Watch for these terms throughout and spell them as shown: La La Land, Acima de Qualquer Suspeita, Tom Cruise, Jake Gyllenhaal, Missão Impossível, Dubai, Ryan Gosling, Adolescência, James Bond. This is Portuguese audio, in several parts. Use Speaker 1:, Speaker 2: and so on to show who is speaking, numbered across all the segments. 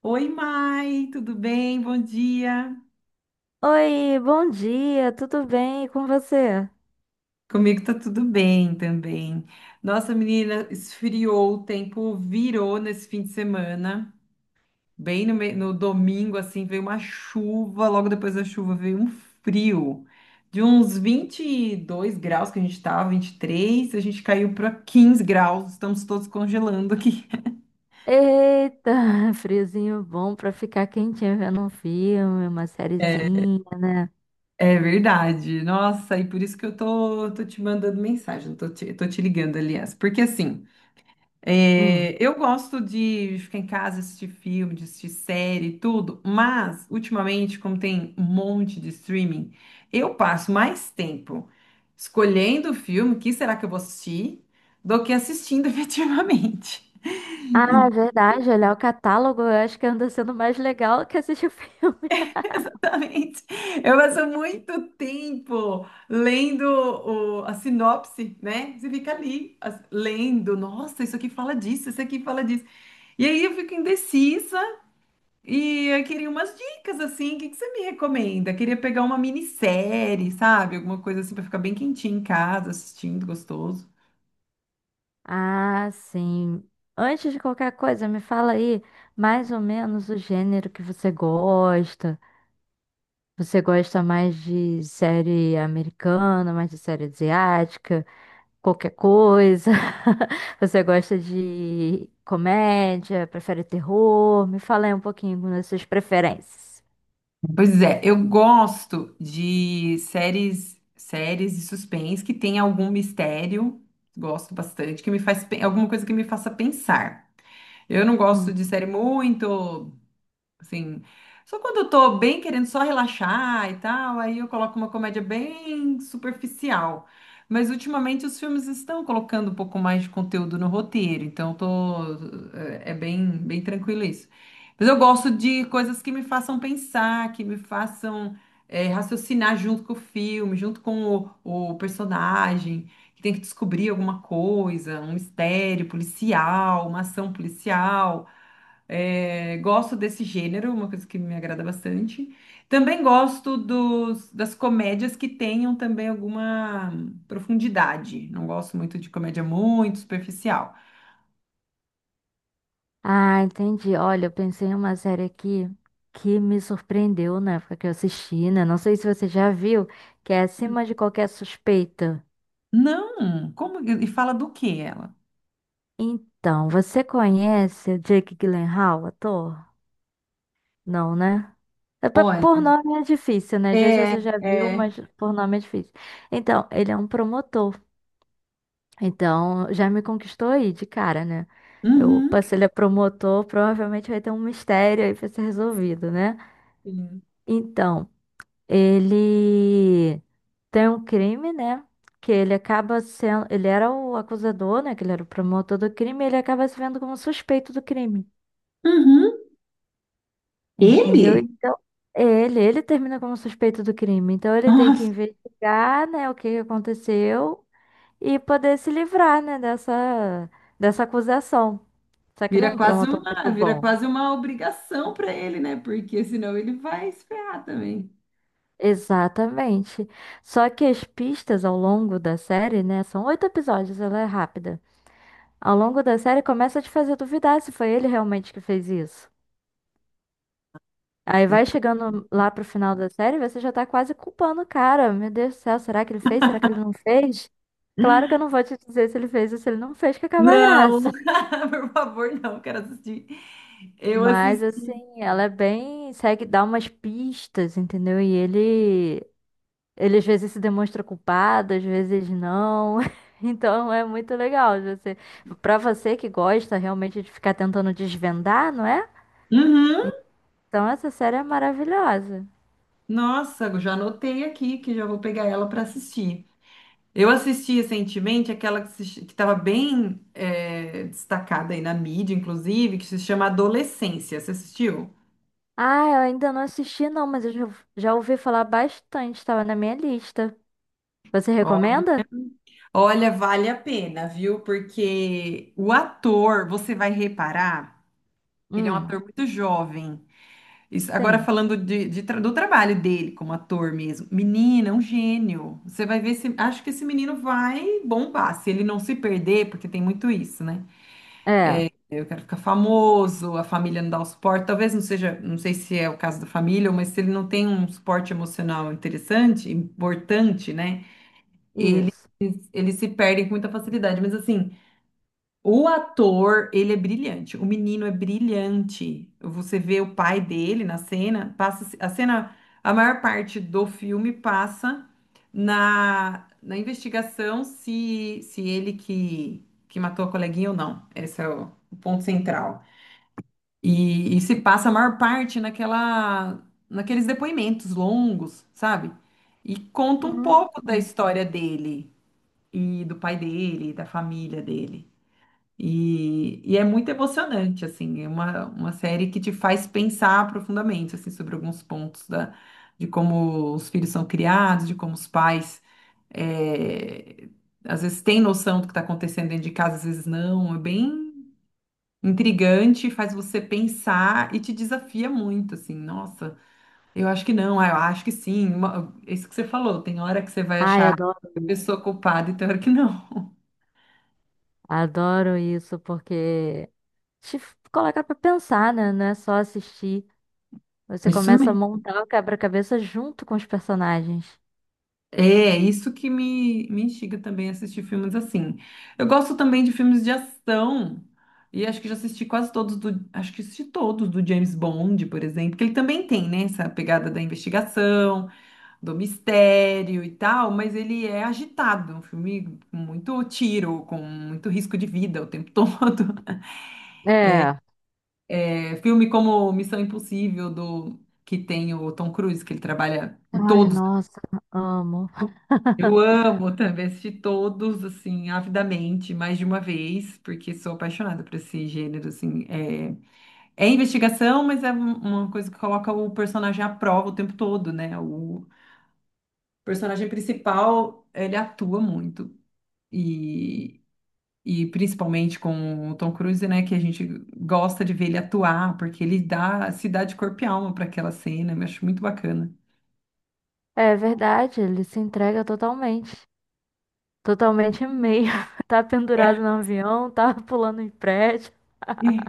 Speaker 1: Oi, Mai, tudo bem? Bom dia.
Speaker 2: Oi, bom dia, tudo bem? E com você?
Speaker 1: Comigo tá tudo bem também. Nossa, menina, esfriou, o tempo virou nesse fim de semana. Bem no, me- No domingo, assim, veio uma chuva, logo depois da chuva veio um frio. De uns 22 graus que a gente tava, 23, a gente caiu para 15 graus, estamos todos congelando aqui.
Speaker 2: Eita, friozinho bom pra ficar quentinho vendo um filme, uma sériezinha, né?
Speaker 1: É verdade. Nossa, e por isso que eu tô te mandando mensagem, tô te ligando, aliás. Porque assim.
Speaker 2: Hum.
Speaker 1: É, eu gosto de ficar em casa, assistir filme, de assistir série, e tudo, mas ultimamente, como tem um monte de streaming, eu passo mais tempo escolhendo o filme, que será que eu vou assistir, do que assistindo efetivamente.
Speaker 2: Ah, é verdade, olhar o catálogo eu acho que anda sendo mais legal que assistir o filme.
Speaker 1: Exatamente. Eu passo muito tempo lendo a sinopse, né? Você fica ali lendo, nossa, isso aqui fala disso, isso aqui fala disso. E aí eu fico indecisa. E eu queria umas dicas, assim, o que que você me recomenda? Queria pegar uma minissérie, sabe? Alguma coisa assim para ficar bem quentinho em casa, assistindo, gostoso.
Speaker 2: Ah, sim. Antes de qualquer coisa, me fala aí mais ou menos o gênero que você gosta. Você gosta mais de série americana, mais de série asiática? Qualquer coisa? Você gosta de comédia? Prefere terror? Me fala aí um pouquinho das suas preferências.
Speaker 1: Pois é, eu gosto de séries, séries de suspense que tem algum mistério, gosto bastante, que me faz, alguma coisa que me faça pensar. Eu não gosto
Speaker 2: Hum.
Speaker 1: de série muito. Assim, só quando eu tô bem querendo só relaxar e tal, aí eu coloco uma comédia bem superficial. Mas ultimamente os filmes estão colocando um pouco mais de conteúdo no roteiro, então eu tô é bem tranquilo isso. Mas eu gosto de coisas que me façam pensar, que me façam raciocinar junto com o filme, junto com o personagem, que tem que descobrir alguma coisa, um mistério policial, uma ação policial. É, gosto desse gênero, uma coisa que me agrada bastante. Também gosto das comédias que tenham também alguma profundidade. Não gosto muito de comédia muito superficial.
Speaker 2: Ah, entendi. Olha, eu pensei em uma série aqui que me surpreendeu na época que eu assisti, né? Não sei se você já viu, que é Acima de Qualquer Suspeita.
Speaker 1: Não, como e fala do que ela?
Speaker 2: Então, você conhece o Jake Gyllenhaal, ator? Não, né?
Speaker 1: Olha,
Speaker 2: Por nome é difícil, né? Às vezes
Speaker 1: é,
Speaker 2: você já viu,
Speaker 1: é,
Speaker 2: mas por nome é difícil. Então, ele é um promotor. Então, já me conquistou aí de cara, né? Eu
Speaker 1: Uhum,
Speaker 2: passei, ele é promotor, provavelmente vai ter um mistério aí pra ser resolvido, né?
Speaker 1: sim.
Speaker 2: Então, ele tem um crime, né? Que ele acaba sendo. Ele era o acusador, né? Que ele era o promotor do crime, e ele acaba se vendo como suspeito do crime.
Speaker 1: Uhum,
Speaker 2: Entendeu?
Speaker 1: ele?
Speaker 2: Então, ele termina como suspeito do crime. Então, ele tem que
Speaker 1: Nossa,
Speaker 2: investigar, né, o que que aconteceu e poder se livrar, né, dessa acusação. Só que ele é um promotor muito
Speaker 1: vira
Speaker 2: bom.
Speaker 1: quase uma obrigação para ele, né? Porque senão ele vai se ferrar também.
Speaker 2: Exatamente. Só que as pistas ao longo da série, né? São 8 episódios, ela é rápida. Ao longo da série começa a te fazer duvidar se foi ele realmente que fez isso. Aí vai chegando lá pro final da série, você já tá quase culpando o cara. Meu Deus do céu, será que ele fez? Será que ele não fez? Claro que eu não vou te dizer se ele fez ou se ele não fez, que acaba a
Speaker 1: Não,
Speaker 2: graça.
Speaker 1: por favor, não, quero assistir. Eu
Speaker 2: Mas
Speaker 1: assisti.
Speaker 2: assim, ela é bem, segue, dá umas pistas, entendeu? E ele. Ele às vezes se demonstra culpado, às vezes não. Então é muito legal você, para você que gosta realmente de ficar tentando desvendar, não é?
Speaker 1: Uhum.
Speaker 2: Então essa série é maravilhosa.
Speaker 1: Nossa, já anotei aqui que já vou pegar ela para assistir. Eu assisti recentemente aquela que estava bem destacada aí na mídia, inclusive, que se chama Adolescência. Você assistiu?
Speaker 2: Ah, eu ainda não assisti não, mas eu já já ouvi falar bastante, estava na minha lista. Você
Speaker 1: Ó-
Speaker 2: recomenda?
Speaker 1: Olha, vale a pena, viu? Porque o ator, você vai reparar, ele é um
Speaker 2: Hum,
Speaker 1: ator muito jovem. Isso, agora
Speaker 2: sim.
Speaker 1: falando de do trabalho dele como ator mesmo. Menina, é um gênio. Você vai ver se. Acho que esse menino vai bombar, se ele não se perder, porque tem muito isso, né?
Speaker 2: É,
Speaker 1: Eu quero ficar famoso, a família não dá o suporte. Talvez não seja, não sei se é o caso da família, mas se ele não tem um suporte emocional interessante, importante, né?
Speaker 2: isso.
Speaker 1: Eles se perdem com muita facilidade. Mas assim. O ator, ele é brilhante. O menino é brilhante. Você vê o pai dele na cena, passa a cena, a maior parte do filme passa na investigação se ele que matou a coleguinha ou não. Esse é o ponto central. E se passa a maior parte naqueles depoimentos longos, sabe? E conta um
Speaker 2: Hum.
Speaker 1: pouco da história dele e do pai dele, da família dele. E é muito emocionante, assim, é uma série que te faz pensar profundamente, assim, sobre alguns pontos de como os filhos são criados, de como os pais, eh, às vezes têm noção do que está acontecendo dentro de casa, às vezes não, é bem intrigante, faz você pensar e te desafia muito, assim, nossa, eu acho que não, ah, eu acho que sim, isso que você falou, tem hora que você vai
Speaker 2: Ai,
Speaker 1: achar
Speaker 2: adoro
Speaker 1: a
Speaker 2: isso.
Speaker 1: pessoa culpada e tem hora que não.
Speaker 2: Adoro isso porque coloca pra pensar, né? Não é só assistir. Você
Speaker 1: Isso.
Speaker 2: começa a montar o quebra-cabeça junto com os personagens.
Speaker 1: É, isso que me instiga também a assistir filmes assim. Eu gosto também de filmes de ação. E acho que já assisti quase todos do, acho que assisti todos do James Bond, por exemplo, que ele também tem, né, essa pegada da investigação, do mistério e tal, mas ele é agitado, é um filme com muito tiro, com muito risco de vida o tempo todo.
Speaker 2: É.
Speaker 1: É, filme como Missão Impossível do que tem o Tom Cruise, que ele trabalha em
Speaker 2: Ai,
Speaker 1: todos.
Speaker 2: nossa, amo.
Speaker 1: Eu amo também assistir todos, assim, avidamente, mais de uma vez, porque sou apaixonada por esse gênero, assim. É, é investigação, mas é uma coisa que coloca o personagem à prova o tempo todo, né? O personagem principal, ele atua muito. E, e principalmente com o Tom Cruise, né? Que a gente gosta de ver ele atuar, porque se dá de corpo e alma para aquela cena, eu acho muito bacana.
Speaker 2: É verdade, ele se entrega totalmente. Totalmente meio. Tá pendurado no avião, tá pulando em prédio.
Speaker 1: É.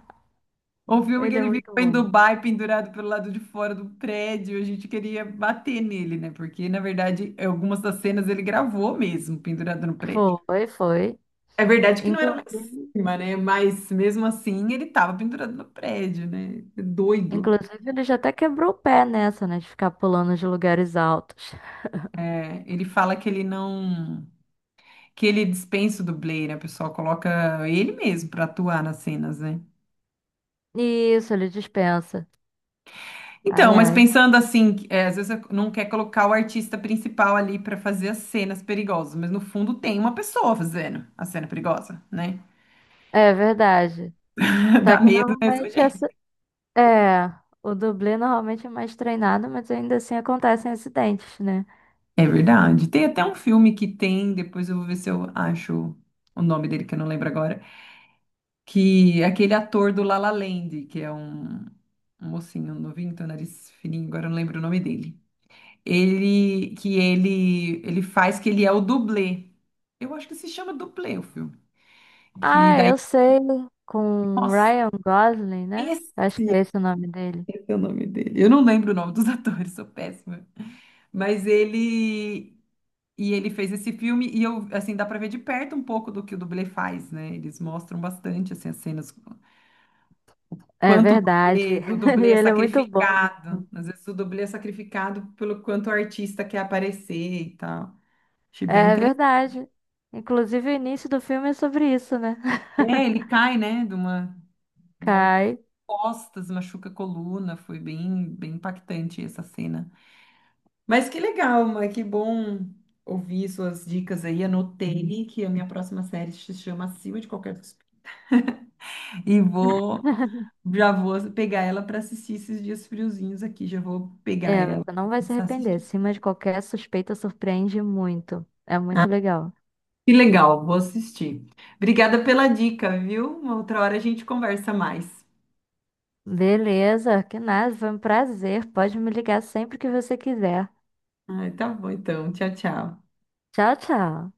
Speaker 1: O filme que
Speaker 2: Ele é
Speaker 1: ele
Speaker 2: muito
Speaker 1: ficou em
Speaker 2: bom.
Speaker 1: Dubai pendurado pelo lado de fora do prédio, a gente queria bater nele, né? Porque, na verdade, algumas das cenas ele gravou mesmo, pendurado no prédio.
Speaker 2: Foi, foi.
Speaker 1: É verdade que não era lá em
Speaker 2: Inclusive,
Speaker 1: cima, né? Mas mesmo assim ele tava pendurado no prédio, né? É doido.
Speaker 2: inclusive, ele já até quebrou o pé nessa, né? De ficar pulando de lugares altos.
Speaker 1: É, ele fala que ele não. Que ele dispensa o dublê, né? O pessoal coloca ele mesmo pra atuar nas cenas, né?
Speaker 2: Isso, ele dispensa. Ai,
Speaker 1: Então, mas
Speaker 2: ai.
Speaker 1: pensando assim, que, é, às vezes você não quer colocar o artista principal ali para fazer as cenas perigosas, mas no fundo tem uma pessoa fazendo a cena perigosa, né?
Speaker 2: É verdade. Só
Speaker 1: Dá
Speaker 2: que
Speaker 1: medo do mesmo
Speaker 2: normalmente é assim.
Speaker 1: jeito.
Speaker 2: É, o dublê normalmente é mais treinado, mas ainda assim acontecem acidentes, né?
Speaker 1: É verdade. Tem até um filme que tem, depois eu vou ver se eu acho o nome dele, que eu não lembro agora, que é aquele ator do La La Land, que é um mocinho novinho, tem o nariz fininho, agora eu não lembro o nome dele. Ele faz que ele é o dublê. Eu acho que se chama dublê o filme que
Speaker 2: Ah,
Speaker 1: daí.
Speaker 2: eu sei, com
Speaker 1: Nossa,
Speaker 2: Ryan Gosling, né?
Speaker 1: esse,
Speaker 2: Acho que é esse o nome dele.
Speaker 1: é o nome dele. Eu não lembro o nome dos atores, sou péssima. Mas ele e ele fez esse filme e eu assim dá para ver de perto um pouco do que o dublê faz, né? Eles mostram bastante assim as cenas
Speaker 2: É
Speaker 1: quanto
Speaker 2: verdade.
Speaker 1: o
Speaker 2: E
Speaker 1: dublê é
Speaker 2: ele é muito bom.
Speaker 1: sacrificado. Às vezes o dublê é sacrificado pelo quanto o artista quer aparecer e tal. Achei bem
Speaker 2: É
Speaker 1: interessante.
Speaker 2: verdade. Inclusive, o início do filme é sobre isso, né?
Speaker 1: É, ele cai, né, de uma altura
Speaker 2: Cai.
Speaker 1: costas, machuca a coluna, foi bem impactante essa cena. Mas que legal, Ma, que bom ouvir suas dicas aí. Anotei que a minha próxima série se chama Acima de Qualquer Suspeita. E vou, já vou pegar ela para assistir esses dias friozinhos aqui. Já vou pegar
Speaker 2: É,
Speaker 1: ela
Speaker 2: você
Speaker 1: e
Speaker 2: não vai se
Speaker 1: começar a
Speaker 2: arrepender.
Speaker 1: assistir.
Speaker 2: Acima de Qualquer Suspeita, surpreende muito. É muito legal.
Speaker 1: Que legal, vou assistir. Obrigada pela dica, viu? Uma outra hora a gente conversa mais.
Speaker 2: Beleza, que nada, foi um prazer. Pode me ligar sempre que você quiser.
Speaker 1: Ah, tá bom então. Tchau, tchau.
Speaker 2: Tchau, tchau.